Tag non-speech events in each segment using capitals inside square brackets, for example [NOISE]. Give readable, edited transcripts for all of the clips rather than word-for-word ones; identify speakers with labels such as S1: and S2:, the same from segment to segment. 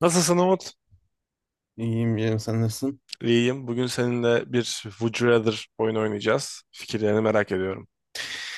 S1: Nasılsın Umut?
S2: İyiyim canım, sen nasılsın?
S1: İyiyim. Bugün seninle bir Would You Rather oyunu oynayacağız. Fikirlerini merak ediyorum.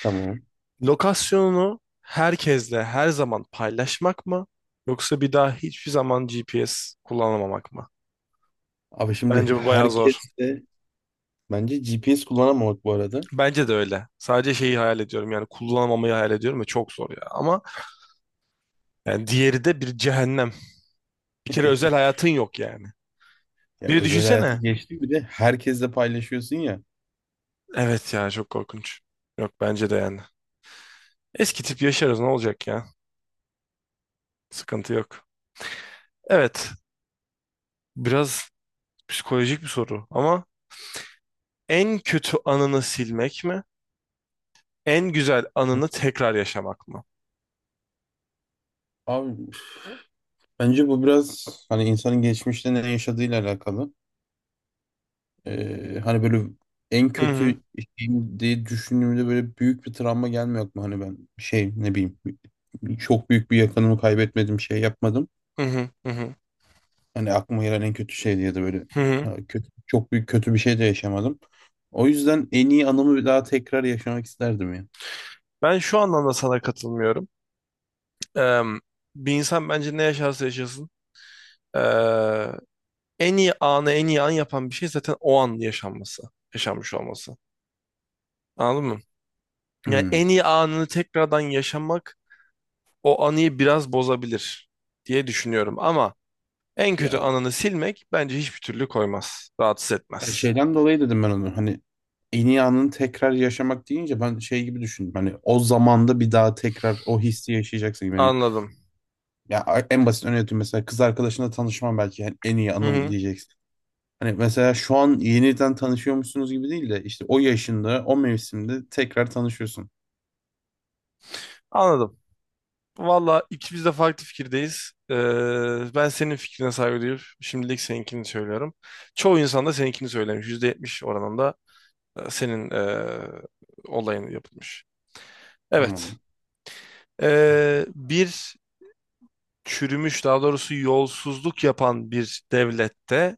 S2: Tamam.
S1: Lokasyonunu herkesle her zaman paylaşmak mı? Yoksa bir daha hiçbir zaman GPS kullanamamak mı?
S2: Abi şimdi
S1: Bence bu bayağı zor.
S2: herkes de, bence GPS kullanamamak bu arada.
S1: Bence de öyle. Sadece şeyi hayal ediyorum yani kullanamamayı hayal ediyorum ve çok zor ya. Ama yani diğeri de bir cehennem. Bir kere özel
S2: [LAUGHS]
S1: hayatın yok yani.
S2: Ya
S1: Bir de
S2: özel hayatı
S1: düşünsene.
S2: geçti, bir de herkesle paylaşıyorsun ya.
S1: Evet ya çok korkunç. Yok bence de yani. Eski tip yaşarız ne olacak ya? Sıkıntı yok. Evet, biraz psikolojik bir soru ama en kötü anını silmek mi? En güzel anını tekrar yaşamak mı?
S2: Abi bence bu biraz hani insanın geçmişte ne yaşadığıyla alakalı. Hani böyle en
S1: Hı hı,
S2: kötü şeyim diye düşündüğümde böyle büyük bir travma gelmiyor aklıma. Hani ben şey, ne bileyim, çok büyük bir yakınımı kaybetmedim, şey yapmadım.
S1: hı hı, hı hı,
S2: Hani aklıma gelen en kötü şey diye de böyle
S1: hı hı.
S2: ha, kötü, çok büyük kötü bir şey de yaşamadım. O yüzden en iyi anımı bir daha tekrar yaşamak isterdim ya.
S1: Ben şu anlamda sana katılmıyorum. Eee, bir insan bence ne yaşarsa yaşasın eee, en iyi anı en iyi an yapan bir şey zaten o an yaşanması, yaşanmış olması. Anladın mı? Yani en
S2: Hmm.
S1: iyi anını tekrardan yaşamak o anıyı biraz bozabilir diye düşünüyorum ama en kötü
S2: Ya,
S1: anını silmek bence hiçbir türlü koymaz, rahatsız
S2: ya
S1: etmez.
S2: şeyden dolayı dedim ben onu. Hani en iyi anını tekrar yaşamak deyince ben şey gibi düşündüm. Hani o zamanda bir daha tekrar o hissi yaşayacaksın gibi. Hani,
S1: Anladım.
S2: ya en basit örneği, mesela kız arkadaşınla tanışmam, belki yani en iyi
S1: Hı
S2: anım
S1: hı.
S2: diyeceksin. Hani mesela şu an yeniden tanışıyormuşsunuz gibi değil de işte o yaşında, o mevsimde tekrar tanışıyorsun.
S1: Anladım. Valla ikimiz de farklı fikirdeyiz. Ben senin fikrine saygı duyup şimdilik seninkini söylüyorum. Çoğu insan da seninkini söylemiş. %70 oranında senin olayın yapılmış. Evet.
S2: Tamam.
S1: Bir çürümüş daha doğrusu yolsuzluk yapan bir devlette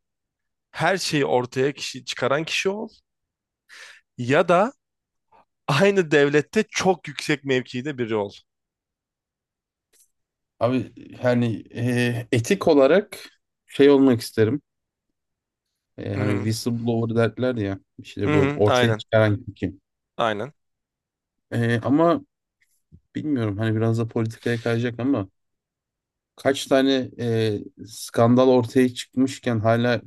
S1: her şeyi ortaya çıkaran kişi ol ya da aynı devlette çok yüksek mevkide biri ol.
S2: Abi hani etik olarak şey olmak isterim. E,
S1: Hı
S2: hani
S1: hı.
S2: whistleblower derler ya,
S1: Hı
S2: işte bu
S1: hı.
S2: ortaya
S1: Aynen.
S2: çıkaran kim.
S1: Aynen.
S2: E, ama bilmiyorum, hani biraz da politikaya kayacak ama kaç tane skandal ortaya çıkmışken hala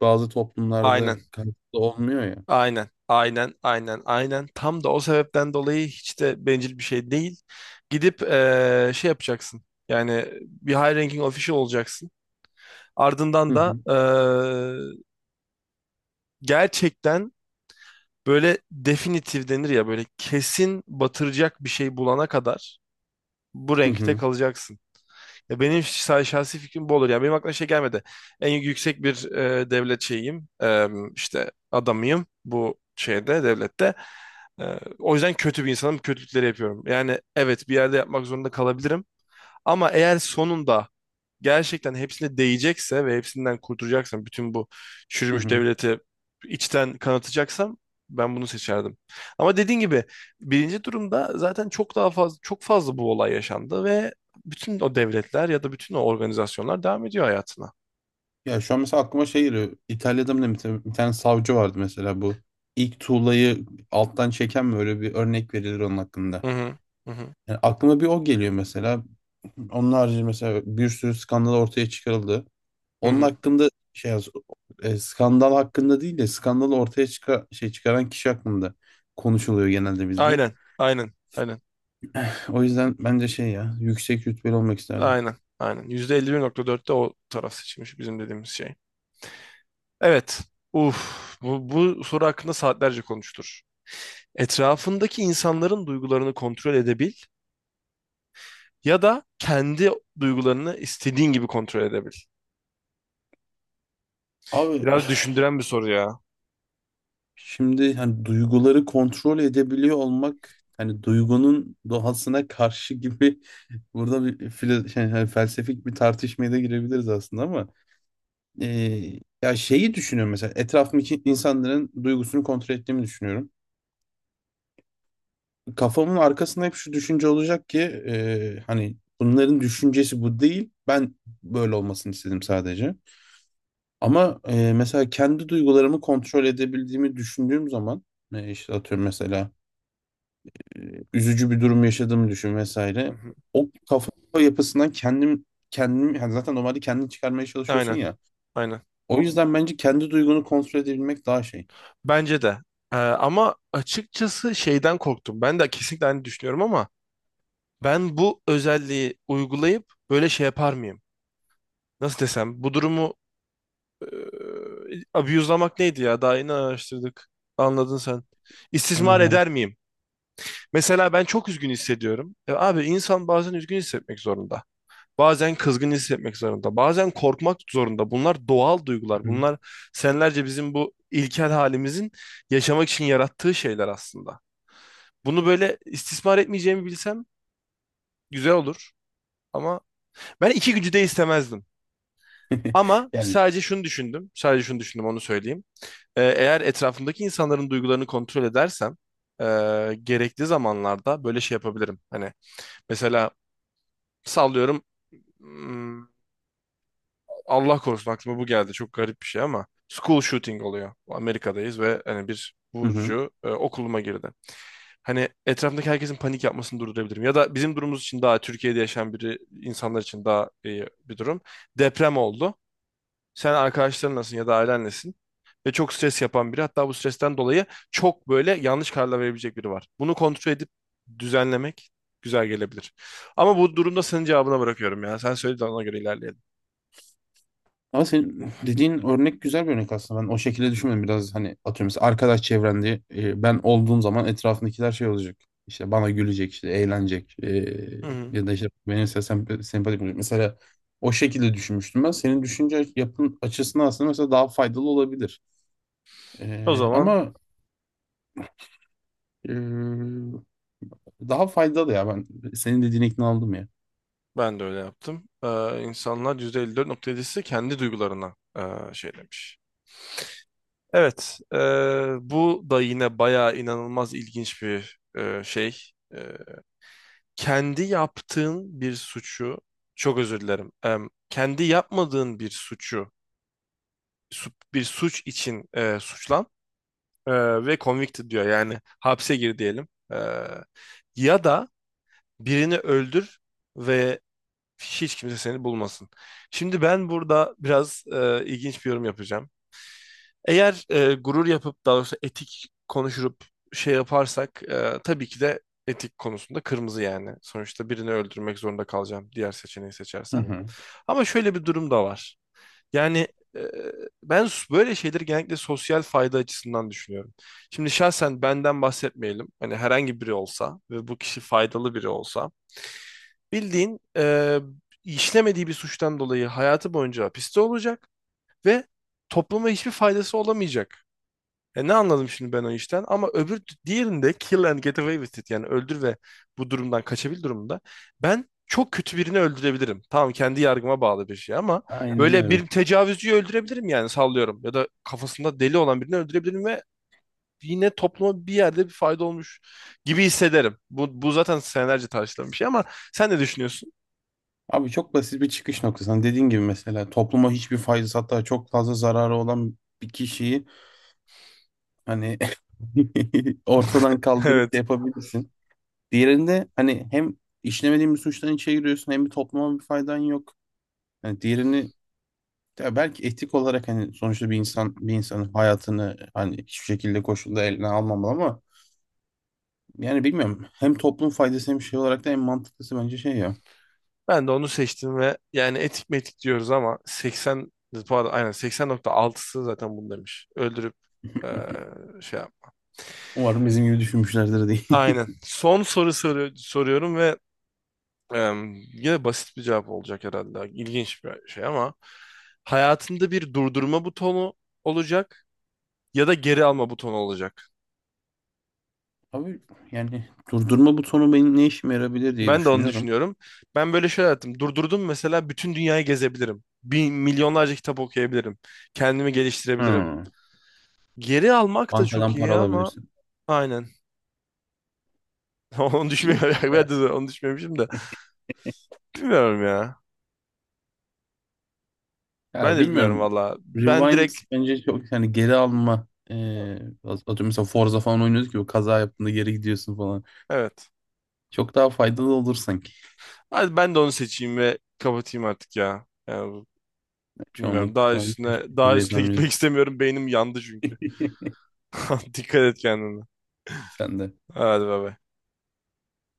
S2: bazı toplumlarda
S1: Aynen.
S2: kayıtlı olmuyor ya.
S1: Aynen, aynen, aynen, aynen. Tam da o sebepten dolayı hiç de bencil bir şey değil. Gidip şey yapacaksın. Yani bir high ranking official olacaksın. Ardından
S2: Hı
S1: da
S2: hı,
S1: gerçekten böyle definitif denir ya böyle kesin batıracak bir şey bulana kadar bu
S2: hı
S1: renkte
S2: hı,
S1: kalacaksın. Ya benim şahsi fikrim bu olur. Yani benim aklıma şey gelmedi. En yüksek bir devlet şeyiyim. İşte adamıyım bu şeyde, devlette. E, o yüzden kötü bir insanım. Kötülükleri yapıyorum. Yani evet bir yerde yapmak zorunda kalabilirim. Ama eğer sonunda gerçekten hepsine değecekse ve hepsinden kurtulacaksam bütün bu
S2: hı
S1: çürümüş
S2: hı.
S1: devleti içten kanatacaksam ben bunu seçerdim. Ama dediğin gibi birinci durumda zaten çok daha fazla çok fazla bu olay yaşandı ve bütün o devletler ya da bütün o organizasyonlar devam ediyor hayatına.
S2: Ya şu an mesela aklıma şey geliyor. İtalya'da mı ne bir tane savcı vardı mesela bu, ilk tuğlayı alttan çeken mi, öyle bir örnek verilir onun hakkında.
S1: Hı hı. Hı hı.
S2: Yani aklıma bir o geliyor mesela. Onun harici mesela bir sürü skandal ortaya çıkarıldı.
S1: Hı
S2: Onun
S1: hı.
S2: hakkında skandal hakkında değil de şey çıkaran kişi hakkında konuşuluyor genelde bizde.
S1: Aynen. Aynen. Aynen.
S2: O yüzden bence şey, ya yüksek rütbeli olmak isterdim.
S1: Aynen. Aynen. %51.4'te o taraf seçilmiş bizim dediğimiz şey. Evet. Uf, bu soru hakkında saatlerce konuşulur. Etrafındaki insanların duygularını kontrol edebil ya da kendi duygularını istediğin gibi kontrol edebil.
S2: Abi
S1: Biraz düşündüren bir soru ya.
S2: şimdi hani duyguları kontrol edebiliyor olmak hani duygunun doğasına karşı gibi. [LAUGHS] Burada şey, hani felsefik bir tartışmaya da girebiliriz aslında ama Ee, ya şeyi düşünüyorum, mesela etrafımdaki insanların duygusunu kontrol ettiğimi düşünüyorum. Kafamın arkasında hep şu düşünce olacak ki hani bunların düşüncesi bu değil. Ben böyle olmasını istedim sadece. Ama mesela kendi duygularımı kontrol edebildiğimi düşündüğüm zaman, işte atıyorum mesela, e, üzücü bir durum yaşadığımı düşün
S1: Hı
S2: vesaire.
S1: hı.
S2: O kafa yapısından kendim yani zaten normalde kendini çıkarmaya çalışıyorsun
S1: Aynen,
S2: ya.
S1: aynen.
S2: O yüzden bence kendi duygunu kontrol edebilmek daha şey.
S1: Bence de. Ama açıkçası şeyden korktum. Ben de kesinlikle aynı düşünüyorum ama ben bu özelliği uygulayıp böyle şey yapar mıyım? Nasıl desem? Bu durumu e, abuse'lamak neydi ya? Daha yeni araştırdık. Anladın sen. İstismar
S2: Anladım
S1: eder miyim? Mesela ben çok üzgün hissediyorum. Abi insan bazen üzgün hissetmek zorunda. Bazen kızgın hissetmek zorunda, bazen korkmak zorunda. Bunlar doğal duygular.
S2: ama.
S1: Bunlar senelerce bizim bu ilkel halimizin yaşamak için yarattığı şeyler aslında. Bunu böyle istismar etmeyeceğimi bilsem güzel olur. Ama ben iki gücü de istemezdim.
S2: [LAUGHS]
S1: Ama
S2: Yani
S1: sadece şunu düşündüm. Sadece şunu düşündüm onu söyleyeyim. Eğer etrafımdaki insanların duygularını kontrol edersem e, gerekli zamanlarda böyle şey yapabilirim. Hani mesela sallıyorum hmm, Allah korusun aklıma bu geldi. Çok garip bir şey ama school shooting oluyor. Amerika'dayız ve hani bir
S2: hı hı.
S1: vurucu okuluma girdi. Hani etrafındaki herkesin panik yapmasını durdurabilirim. Ya da bizim durumumuz için daha Türkiye'de yaşayan biri insanlar için daha iyi bir durum. Deprem oldu. Sen arkadaşların nasılsın ya da ailen nesin? Ve çok stres yapan biri. Hatta bu stresten dolayı çok böyle yanlış kararlar verebilecek biri var. Bunu kontrol edip düzenlemek güzel gelebilir. Ama bu durumda senin cevabına bırakıyorum ya. Sen söyle de ona göre ilerleyelim.
S2: Ama senin dediğin örnek güzel bir örnek aslında. Ben o şekilde düşünmedim. Biraz hani atıyorum mesela arkadaş çevrende ben olduğum zaman etrafındakiler şey olacak. İşte bana gülecek, işte eğlenecek.
S1: Hı hı.
S2: Ya da işte benim sempatik, sempatik olacak. Mesela o şekilde düşünmüştüm ben. Senin düşünce yapın açısından aslında mesela daha faydalı olabilir.
S1: O
S2: E,
S1: zaman
S2: ama e, daha faydalı ya, ben senin dediğine ikna oldum ya.
S1: ben de öyle yaptım. İnsanlar %54.7'si kendi duygularına şey demiş. Evet, bu da yine bayağı inanılmaz ilginç bir şey. E, kendi yaptığın bir suçu, çok özür dilerim, kendi yapmadığın bir suçu, bir suç için suçlan e, ve convicted diyor. Yani hapse gir diyelim. Ya da birini öldür ve hiç kimse seni bulmasın. Şimdi ben burada biraz ilginç bir yorum yapacağım. Eğer gurur yapıp daha doğrusu etik konuşup şey yaparsak tabii ki de etik konusunda kırmızı yani. Sonuçta birini öldürmek zorunda kalacağım diğer seçeneği
S2: Hı
S1: seçersem.
S2: hı.
S1: Ama şöyle bir durum da var. Yani e, ben böyle şeyleri genellikle sosyal fayda açısından düşünüyorum. Şimdi şahsen benden bahsetmeyelim. Hani herhangi biri olsa ve bu kişi faydalı biri olsa bildiğin işlemediği bir suçtan dolayı hayatı boyunca hapiste olacak ve topluma hiçbir faydası olamayacak. E ne anladım şimdi ben o işten? Ama öbür diğerinde kill and get away with it yani öldür ve bu durumdan kaçabil durumunda ben çok kötü birini öldürebilirim. Tamam kendi yargıma bağlı bir şey ama
S2: Aynen
S1: böyle bir
S2: öyle.
S1: tecavüzcüyü öldürebilirim yani sallıyorum ya da kafasında deli olan birini öldürebilirim ve yine topluma bir yerde bir fayda olmuş gibi hissederim. Bu zaten senelerce tartışılan bir şey ama sen ne düşünüyorsun?
S2: Abi çok basit bir çıkış noktası. Hani dediğin gibi mesela topluma hiçbir faydası, hatta çok fazla zararı olan bir kişiyi hani [LAUGHS] ortadan
S1: [LAUGHS]
S2: kaldırıp şey
S1: Evet.
S2: yapabilirsin. Diğerinde hani hem işlemediğin bir suçtan içe giriyorsun, hem bir topluma bir faydan yok. Yani diğerini, ya belki etik olarak hani sonuçta bir insan bir insanın hayatını hani hiçbir şekilde koşulda eline almamalı ama yani bilmiyorum. Hem toplum faydası hem şey olarak da en mantıklısı bence şey ya.
S1: Ben de onu seçtim ve yani etik metik diyoruz ama 80 pardon aynen 80.6'sı zaten bunu demiş. Öldürüp eee, şey yap.
S2: Umarım bizim gibi düşünmüşlerdir diye.
S1: Aynen.
S2: [LAUGHS]
S1: Son soru soruyorum ve yine basit bir cevap olacak herhalde. İlginç bir şey ama hayatında bir durdurma butonu olacak ya da geri alma butonu olacak.
S2: Abi yani durdurma butonu benim ne işime yarabilir diye
S1: Ben de onu
S2: düşünüyorum.
S1: düşünüyorum. Ben böyle şey yaptım. Durdurdum mesela bütün dünyayı gezebilirim. Bir milyonlarca kitap okuyabilirim. Kendimi geliştirebilirim.
S2: Hı,
S1: Geri almak da çok
S2: bankadan para
S1: iyi ama
S2: alabilirsin.
S1: aynen. [LAUGHS] Onu
S2: Yok
S1: düşünmüyorum.
S2: ki
S1: [LAUGHS] Ben
S2: ya.
S1: de onu düşünmemişim de. Bilmiyorum ya. Ben
S2: Ya
S1: de bilmiyorum
S2: bilmiyorum.
S1: valla. Ben
S2: Rewind
S1: direkt
S2: bence çok, yani geri alma, atıyorum mesela Forza falan oynuyoruz ki o kaza yaptığında geri gidiyorsun falan.
S1: evet.
S2: Çok daha faydalı olur sanki.
S1: Hadi ben de onu seçeyim ve kapatayım artık ya. Yani bilmiyorum.
S2: Çoğunluk
S1: Daha
S2: çoğunluk
S1: üstüne
S2: teşekkür
S1: daha
S2: diye
S1: üstüne gitmek [LAUGHS]
S2: tahmin
S1: istemiyorum. Beynim yandı çünkü.
S2: ediyorum.
S1: [LAUGHS] Dikkat et kendine.
S2: [LAUGHS] Sen de.
S1: Hadi bay bay.